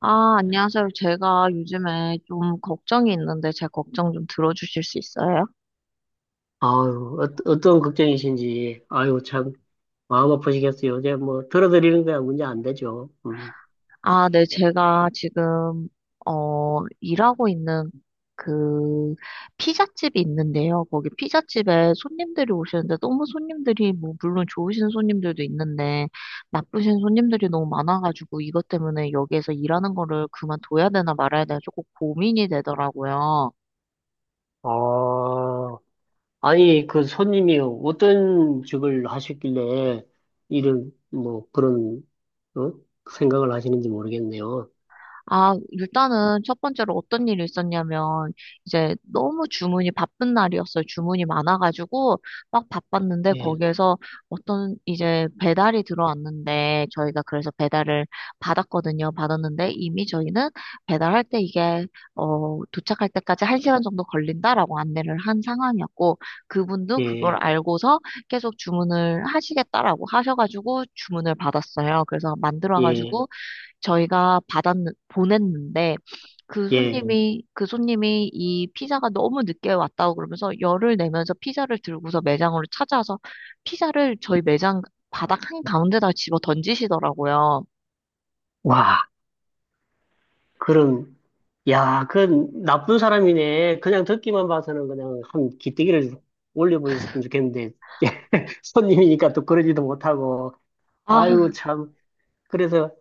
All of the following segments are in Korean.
아, 안녕하세요. 제가 요즘에 좀 걱정이 있는데 제 걱정 좀 들어주실 수 있어요? 아유, 어떤 걱정이신지, 아유, 참, 마음 아프시겠어요. 이제 뭐, 들어드리는 거야, 문제 안 되죠. 음. 아, 네. 제가 지금, 일하고 있는 그 피자집이 있는데요. 거기 피자집에 손님들이 오시는데 너무 손님들이 뭐, 물론 좋으신 손님들도 있는데 나쁘신 손님들이 너무 많아가지고 이것 때문에 여기에서 일하는 거를 그만둬야 되나 말아야 되나 조금 고민이 되더라고요. 아, 아니, 그 손님이 어떤 직을 하셨길래, 이런, 뭐, 그런, 어? 생각을 하시는지 모르겠네요. 아, 일단은 첫 번째로 어떤 일이 있었냐면, 이제 너무 주문이 바쁜 날이었어요. 주문이 많아가지고, 막 바빴는데, 예, 거기에서 어떤 이제 배달이 들어왔는데, 저희가 그래서 배달을 받았거든요. 받았는데, 이미 저희는 배달할 때 이게, 도착할 때까지 한시간 정도 걸린다라고 안내를 한 상황이었고, 그분도 그걸 예, 알고서 계속 주문을 하시겠다라고 하셔가지고, 주문을 받았어요. 그래서 예, 만들어가지고, 저희가 받았, 보냈는데, 예. 그 손님이 이 피자가 너무 늦게 왔다고 그러면서 열을 내면서 피자를 들고서 매장으로 찾아와서 피자를 저희 매장 바닥 한가운데다 집어 던지시더라고요. 와, 그런, 야, 그건 나쁜 사람이네. 그냥 듣기만 봐서는 그냥 한 기대기를 올려버렸으면 좋겠는데, 손님이니까 또 그러지도 못하고. 아, 아유, 참. 그래서,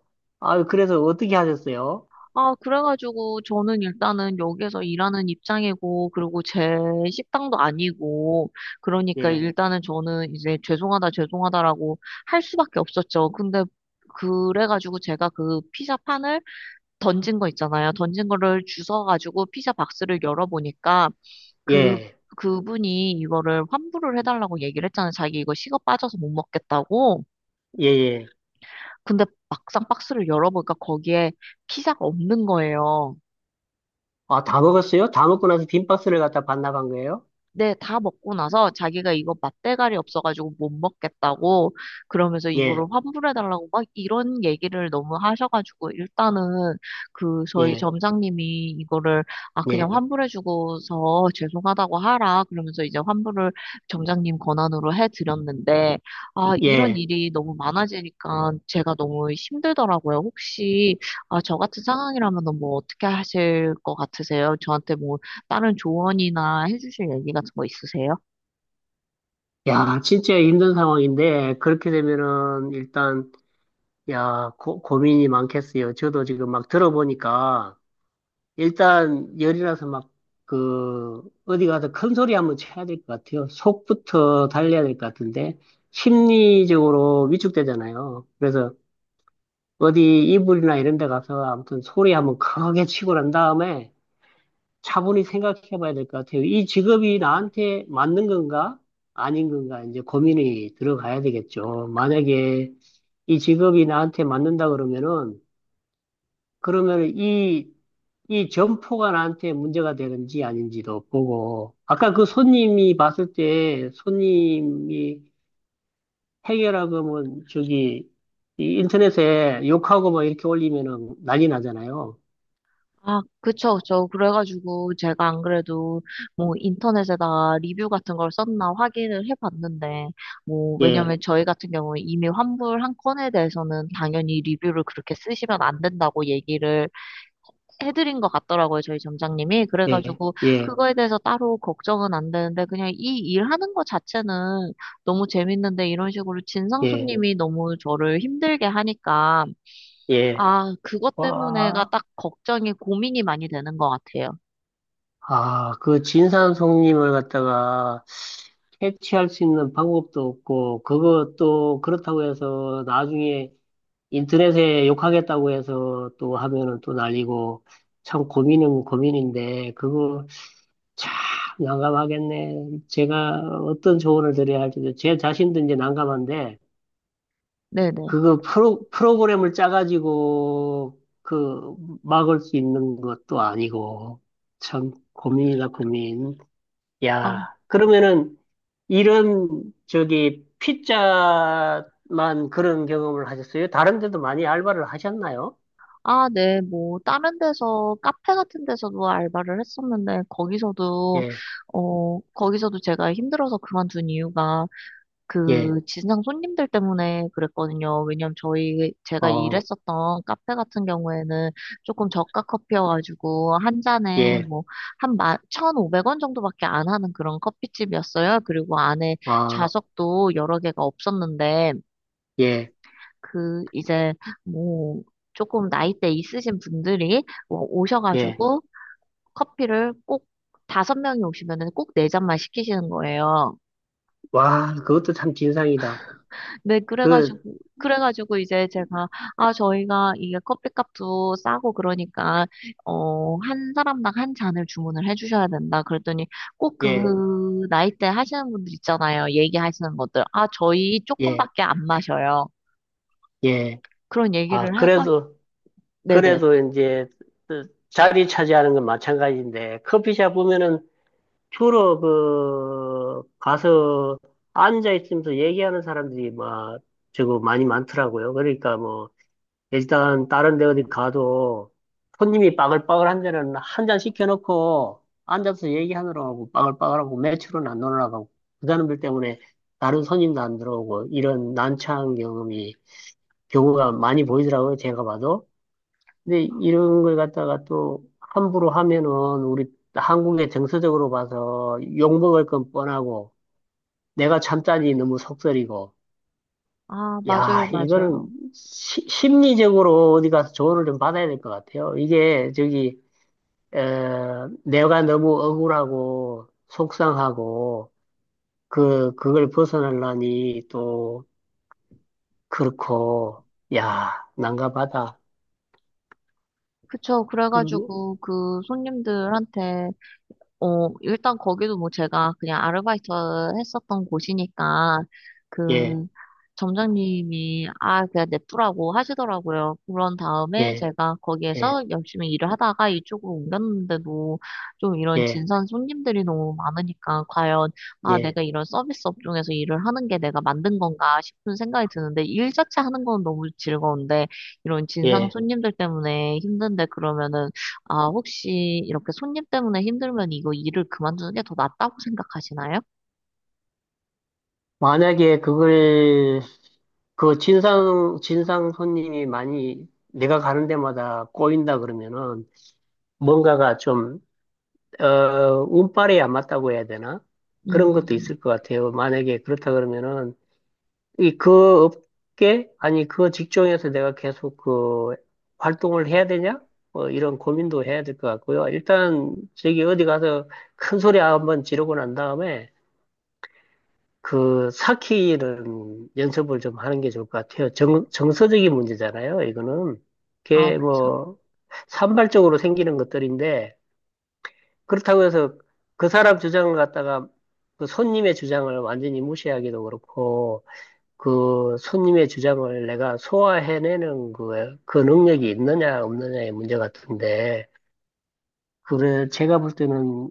아유, 그래서 어떻게 하셨어요? 그래가지고 저는 일단은 여기에서 일하는 입장이고, 그리고 제 식당도 아니고, 그러니까 예, 일단은 저는 이제 죄송하다, 죄송하다라고 할 수밖에 없었죠. 근데 그래가지고 제가 그 피자 판을 던진 거 있잖아요. 던진 거를 주워가지고 피자 박스를 열어보니까 그, 예, 그분이 이거를 환불을 해달라고 얘기를 했잖아요. 자기 이거 식어 빠져서 못 먹겠다고. 예, 예. 근데 막상 박스를 열어보니까 거기에 피자가 없는 거예요. 아, 다 먹었어요? 다 먹고 나서 빈박스를 갖다 반납한 거예요? 네, 다 먹고 나서 자기가 이거 맛대가리 없어가지고 못 먹겠다고 그러면서 이거를 예, 환불해달라고 막 이런 얘기를 너무 하셔가지고 일단은 그 저희 예, 점장님이 이거를 아 그냥 예, 환불해주고서 죄송하다고 하라 그러면서 이제 환불을 점장님 권한으로 해드렸는데 아 이런 예. 일이 너무 많아지니까 제가 너무 힘들더라고요. 혹시 아 저 같은 상황이라면 뭐 어떻게 하실 것 같으세요? 저한테 뭐 다른 조언이나 해주실 얘기 같은 거 있으세요? 야, 진짜 힘든 상황인데, 그렇게 되면은, 일단, 야, 고민이 많겠어요. 저도 지금 막 들어보니까, 일단, 열이 나서 막, 그, 어디 가서 큰 소리 한번 쳐야 될 것 같아요. 속부터 달려야 될 것 같은데, 심리적으로 위축되잖아요. 그래서, 어디 이불이나 이런 데 가서 아무튼 소리 한번 크게 치고 난 다음에 차분히 생각해 봐야 될 것 같아요. 이 직업이 나한테 맞는 건가? 아닌 건가? 이제 고민이 들어가야 되겠죠. 만약에 이 직업이 나한테 맞는다 그러면은, 그러면 이 점포가 나한테 문제가 되는지 아닌지도 보고, 아까 그 손님이 봤을 때 손님이 해결하고 뭐 저기, 이 인터넷에 욕하고 뭐 이렇게 올리면은 난리 나잖아요. 아, 그쵸, 그쵸. 그래가지고 제가 안 그래도 뭐 인터넷에다가 리뷰 같은 걸 썼나 확인을 해봤는데, 뭐, 예, 왜냐면 저희 같은 경우에 이미 환불 한 건에 대해서는 당연히 리뷰를 그렇게 쓰시면 안 된다고 얘기를 해드린 것 같더라고요, 저희 점장님이. 예, 그래가지고 예, 그거에 대해서 따로 걱정은 안 되는데, 그냥 이 일하는 것 자체는 너무 재밌는데, 이런 식으로 진상 예, 손님이 너무 저를 힘들게 하니까, 예. 아, 그것 때문에가 와, 딱 걱정이, 고민이 많이 되는 것 같아요. 아, 그 진산송님을 갖다가 캐치할 수 있는 방법도 없고, 그것도 그렇다고 해서 나중에 인터넷에 욕하겠다고 해서 또 하면은 또 난리고, 참 고민은 고민인데, 그거 참 난감하겠네. 제가 어떤 조언을 드려야 할지, 제 자신도 이제 난감한데, 네네. 그거 프로그램을 짜가지고 그 막을 수 있는 것도 아니고 참 고민이다 고민. 아, 야, 그러면은 이런 저기 피자만 그런 경험을 하셨어요? 다른 데도 많이 알바를 하셨나요? 네, 뭐, 다른 데서, 카페 같은 데서도 알바를 했었는데, 거기서도, 예, 거기서도 제가 힘들어서 그만둔 이유가, 예, 그 지상 손님들 때문에 그랬거든요. 왜냐면 저희 제가 어, 일했었던 카페 같은 경우에는 조금 저가 커피여가지고 한 잔에 예, 뭐한 1,500원 정도밖에 안 하는 그런 커피집이었어요. 그리고 안에 아, 좌석도 여러 개가 없었는데 예, 그 이제 뭐 조금 나이대 있으신 분들이 뭐 예. 오셔가지고 커피를 꼭 다섯 명이 오시면은 꼭 네 잔만 시키시는 거예요. 와, 그것도 참 진상이다. 네, 그래가지고, 그, 그래가지고 이제 제가, 아, 저희가 이게 커피값도 싸고 그러니까, 한 사람당 한 잔을 주문을 해주셔야 된다. 그랬더니 꼭 예, 그 나이대 하시는 분들 있잖아요. 얘기하시는 분들. 아, 저희 예, 조금밖에 안 마셔요. 예. 그런 아, 얘기를 해가, 그래도 네네. 그래도 이제 그 자리 차지하는 건 마찬가지인데 커피숍 보면은 주로 그 가서 앉아 있으면서 얘기하는 사람들이 막 저거 많이 많더라고요. 그러니까 뭐 일단 다른 데 어디 가도 손님이 빠글빠글 한 데는 한 잔 시켜놓고 앉아서 얘기하느라고 하고 빠글빠글하고 매출은 안 올라가고 그 사람들 때문에 다른 손님도 안 들어오고 이런 난처한 경험이 경우가 많이 보이더라고요. 제가 봐도. 근데 이런 걸 갖다가 또 함부로 하면은 우리 한국의 정서적으로 봐서 욕먹을 건 뻔하고 내가 참자니 너무 속설이고 아, 맞아요, 야 이거는 맞아요. 심리적으로 어디 가서 조언을 좀 받아야 될 것 같아요. 이게 저기 어, 내가 너무 억울하고 속상하고 그 그걸 벗어나려니 또 그렇고 야 난감하다. 그쵸. 그러면 그래가지고 그 손님들한테 어, 일단 거기도 뭐 제가 그냥 아르바이트 했었던 곳이니까 예 그 점장님이 아, 그냥 냅두라고 하시더라고요. 그런 다음에 예, 제가 예, 거기에서 열심히 일을 하다가 이쪽으로 옮겼는데도 좀 이런 예, 진상 손님들이 너무 많으니까 과연 아, 예, 내가 이런 서비스 업종에서 일을 하는 게 내가 만든 건가 싶은 생각이 드는데 일 자체 하는 건 너무 즐거운데 이런 진상 예. 손님들 때문에 힘든데 그러면은 아, 혹시 이렇게 손님 때문에 힘들면 이거 일을 그만두는 게 더 낫다고 생각하시나요? 만약에 그걸 그 진상 손님이 많이 내가 가는 데마다 꼬인다 그러면은 뭔가가 좀 어, 운빨에 안 맞다고 해야 되나? 그런 것도 음, 있을 것 같아요. 만약에 그렇다 그러면은 이 그 업계 아니 그 직종에서 내가 계속 그 활동을 해야 되냐? 뭐 이런 고민도 해야 될 것 같고요. 일단 저기 어디 가서 큰 소리 한번 지르고 난 다음에 그 사키는 연습을 좀 하는 게 좋을 것 같아요. 정서적인 문제잖아요. 이거는 아, 그게 뭐 산발적으로 생기는 것들인데 그렇다고 해서 그 사람 주장을 갖다가 그 손님의 주장을 완전히 무시하기도 그렇고 그 손님의 주장을 내가 소화해내는 그 능력이 있느냐 없느냐의 문제 같은데 그래 제가 볼 때는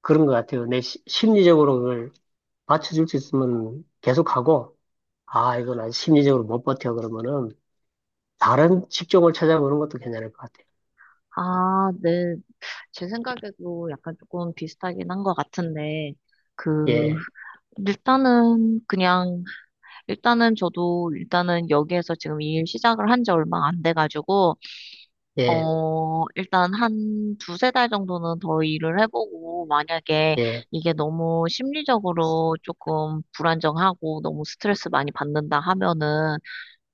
그런 것 같아요. 내 심리적으로 그걸 받쳐줄 수 있으면 계속하고 아, 이건 아주 심리적으로 못 버텨. 그러면은 다른 직종을 찾아보는 것도 괜찮을 것 같아요. 네. 제 생각에도 약간 조금 비슷하긴 한 것 같은데, 그, 예, 일단은 그냥, 일단은 저도 일단은 여기에서 지금 일 시작을 한 지 얼마 안 돼가지고, 예, 일단 한 두세 달 정도는 더 일을 해보고, 만약에 예, 이게 너무 심리적으로 조금 불안정하고 너무 스트레스 많이 받는다 하면은,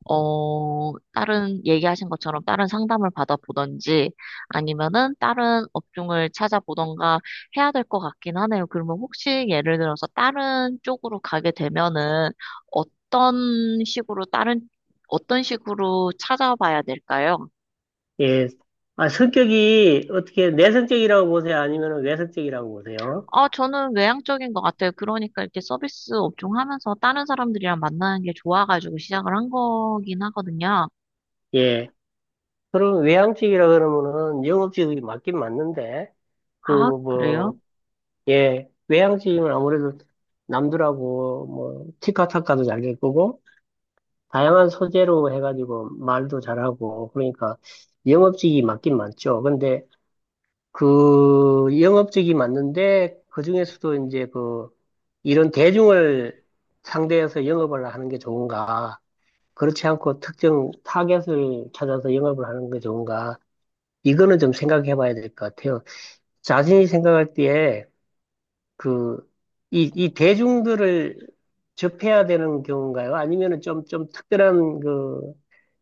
어, 다른, 얘기하신 것처럼 다른 상담을 받아보던지, 아니면은 다른 업종을 찾아보던가 해야 될 것 같긴 하네요. 그러면 혹시 예를 들어서 다른 쪽으로 가게 되면은 어떤 식으로 다른, 어떤 식으로 찾아봐야 될까요? 예. 아, 성격이 어떻게 내성적이라고 보세요? 아니면 외성적이라고 보세요? 아, 저는 외향적인 것 같아요. 그러니까 이렇게 서비스 업종 하면서 다른 사람들이랑 만나는 게 좋아가지고 시작을 한 거긴 하거든요. 예. 그럼 외향적이라 그러면은 영업직이 맞긴 맞는데 그 아, 뭐, 그래요? 예, 외향적이면 아무래도 남들하고 뭐 티카타카도 잘 될 거고 다양한 소재로 해가지고 말도 잘하고 그러니까 영업직이 맞긴 맞죠. 근데 그 영업직이 맞는데 그중에서도 이제 그 이런 대중을 상대해서 영업을 하는 게 좋은가? 그렇지 않고 특정 타겟을 찾아서 영업을 하는 게 좋은가? 이거는 좀 생각해 봐야 될 것 같아요. 자신이 생각할 때에 그 이 대중들을 접해야 되는 경우인가요? 아니면은 좀 특별한 그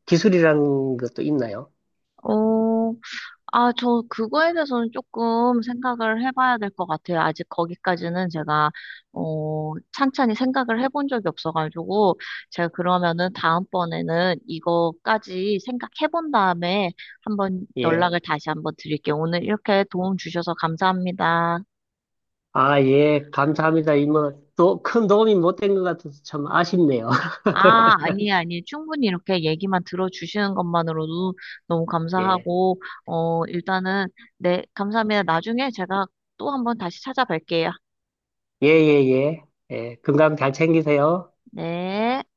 기술이라는 것도 있나요? 어, 아, 저 그거에 대해서는 조금 생각을 해봐야 될 것 같아요. 아직 거기까지는 제가, 찬찬히 생각을 해본 적이 없어가지고, 제가 그러면은 다음번에는 이거까지 생각해본 다음에 한번 예. 연락을 다시 한번 드릴게요. 오늘 이렇게 도움 주셔서 감사합니다. 아, 예, 감사합니다. 이모, 또 큰 도움이 못된 것 같아서 참 아쉽네요. 아, 아니에요, 아니에요. 충분히 이렇게 얘기만 들어주시는 것만으로도 너무 예, 감사하고, 일단은, 네, 감사합니다. 나중에 제가 또 한번 다시 찾아뵐게요. 예, 예, 예. 예, 건강 잘 챙기세요. 네.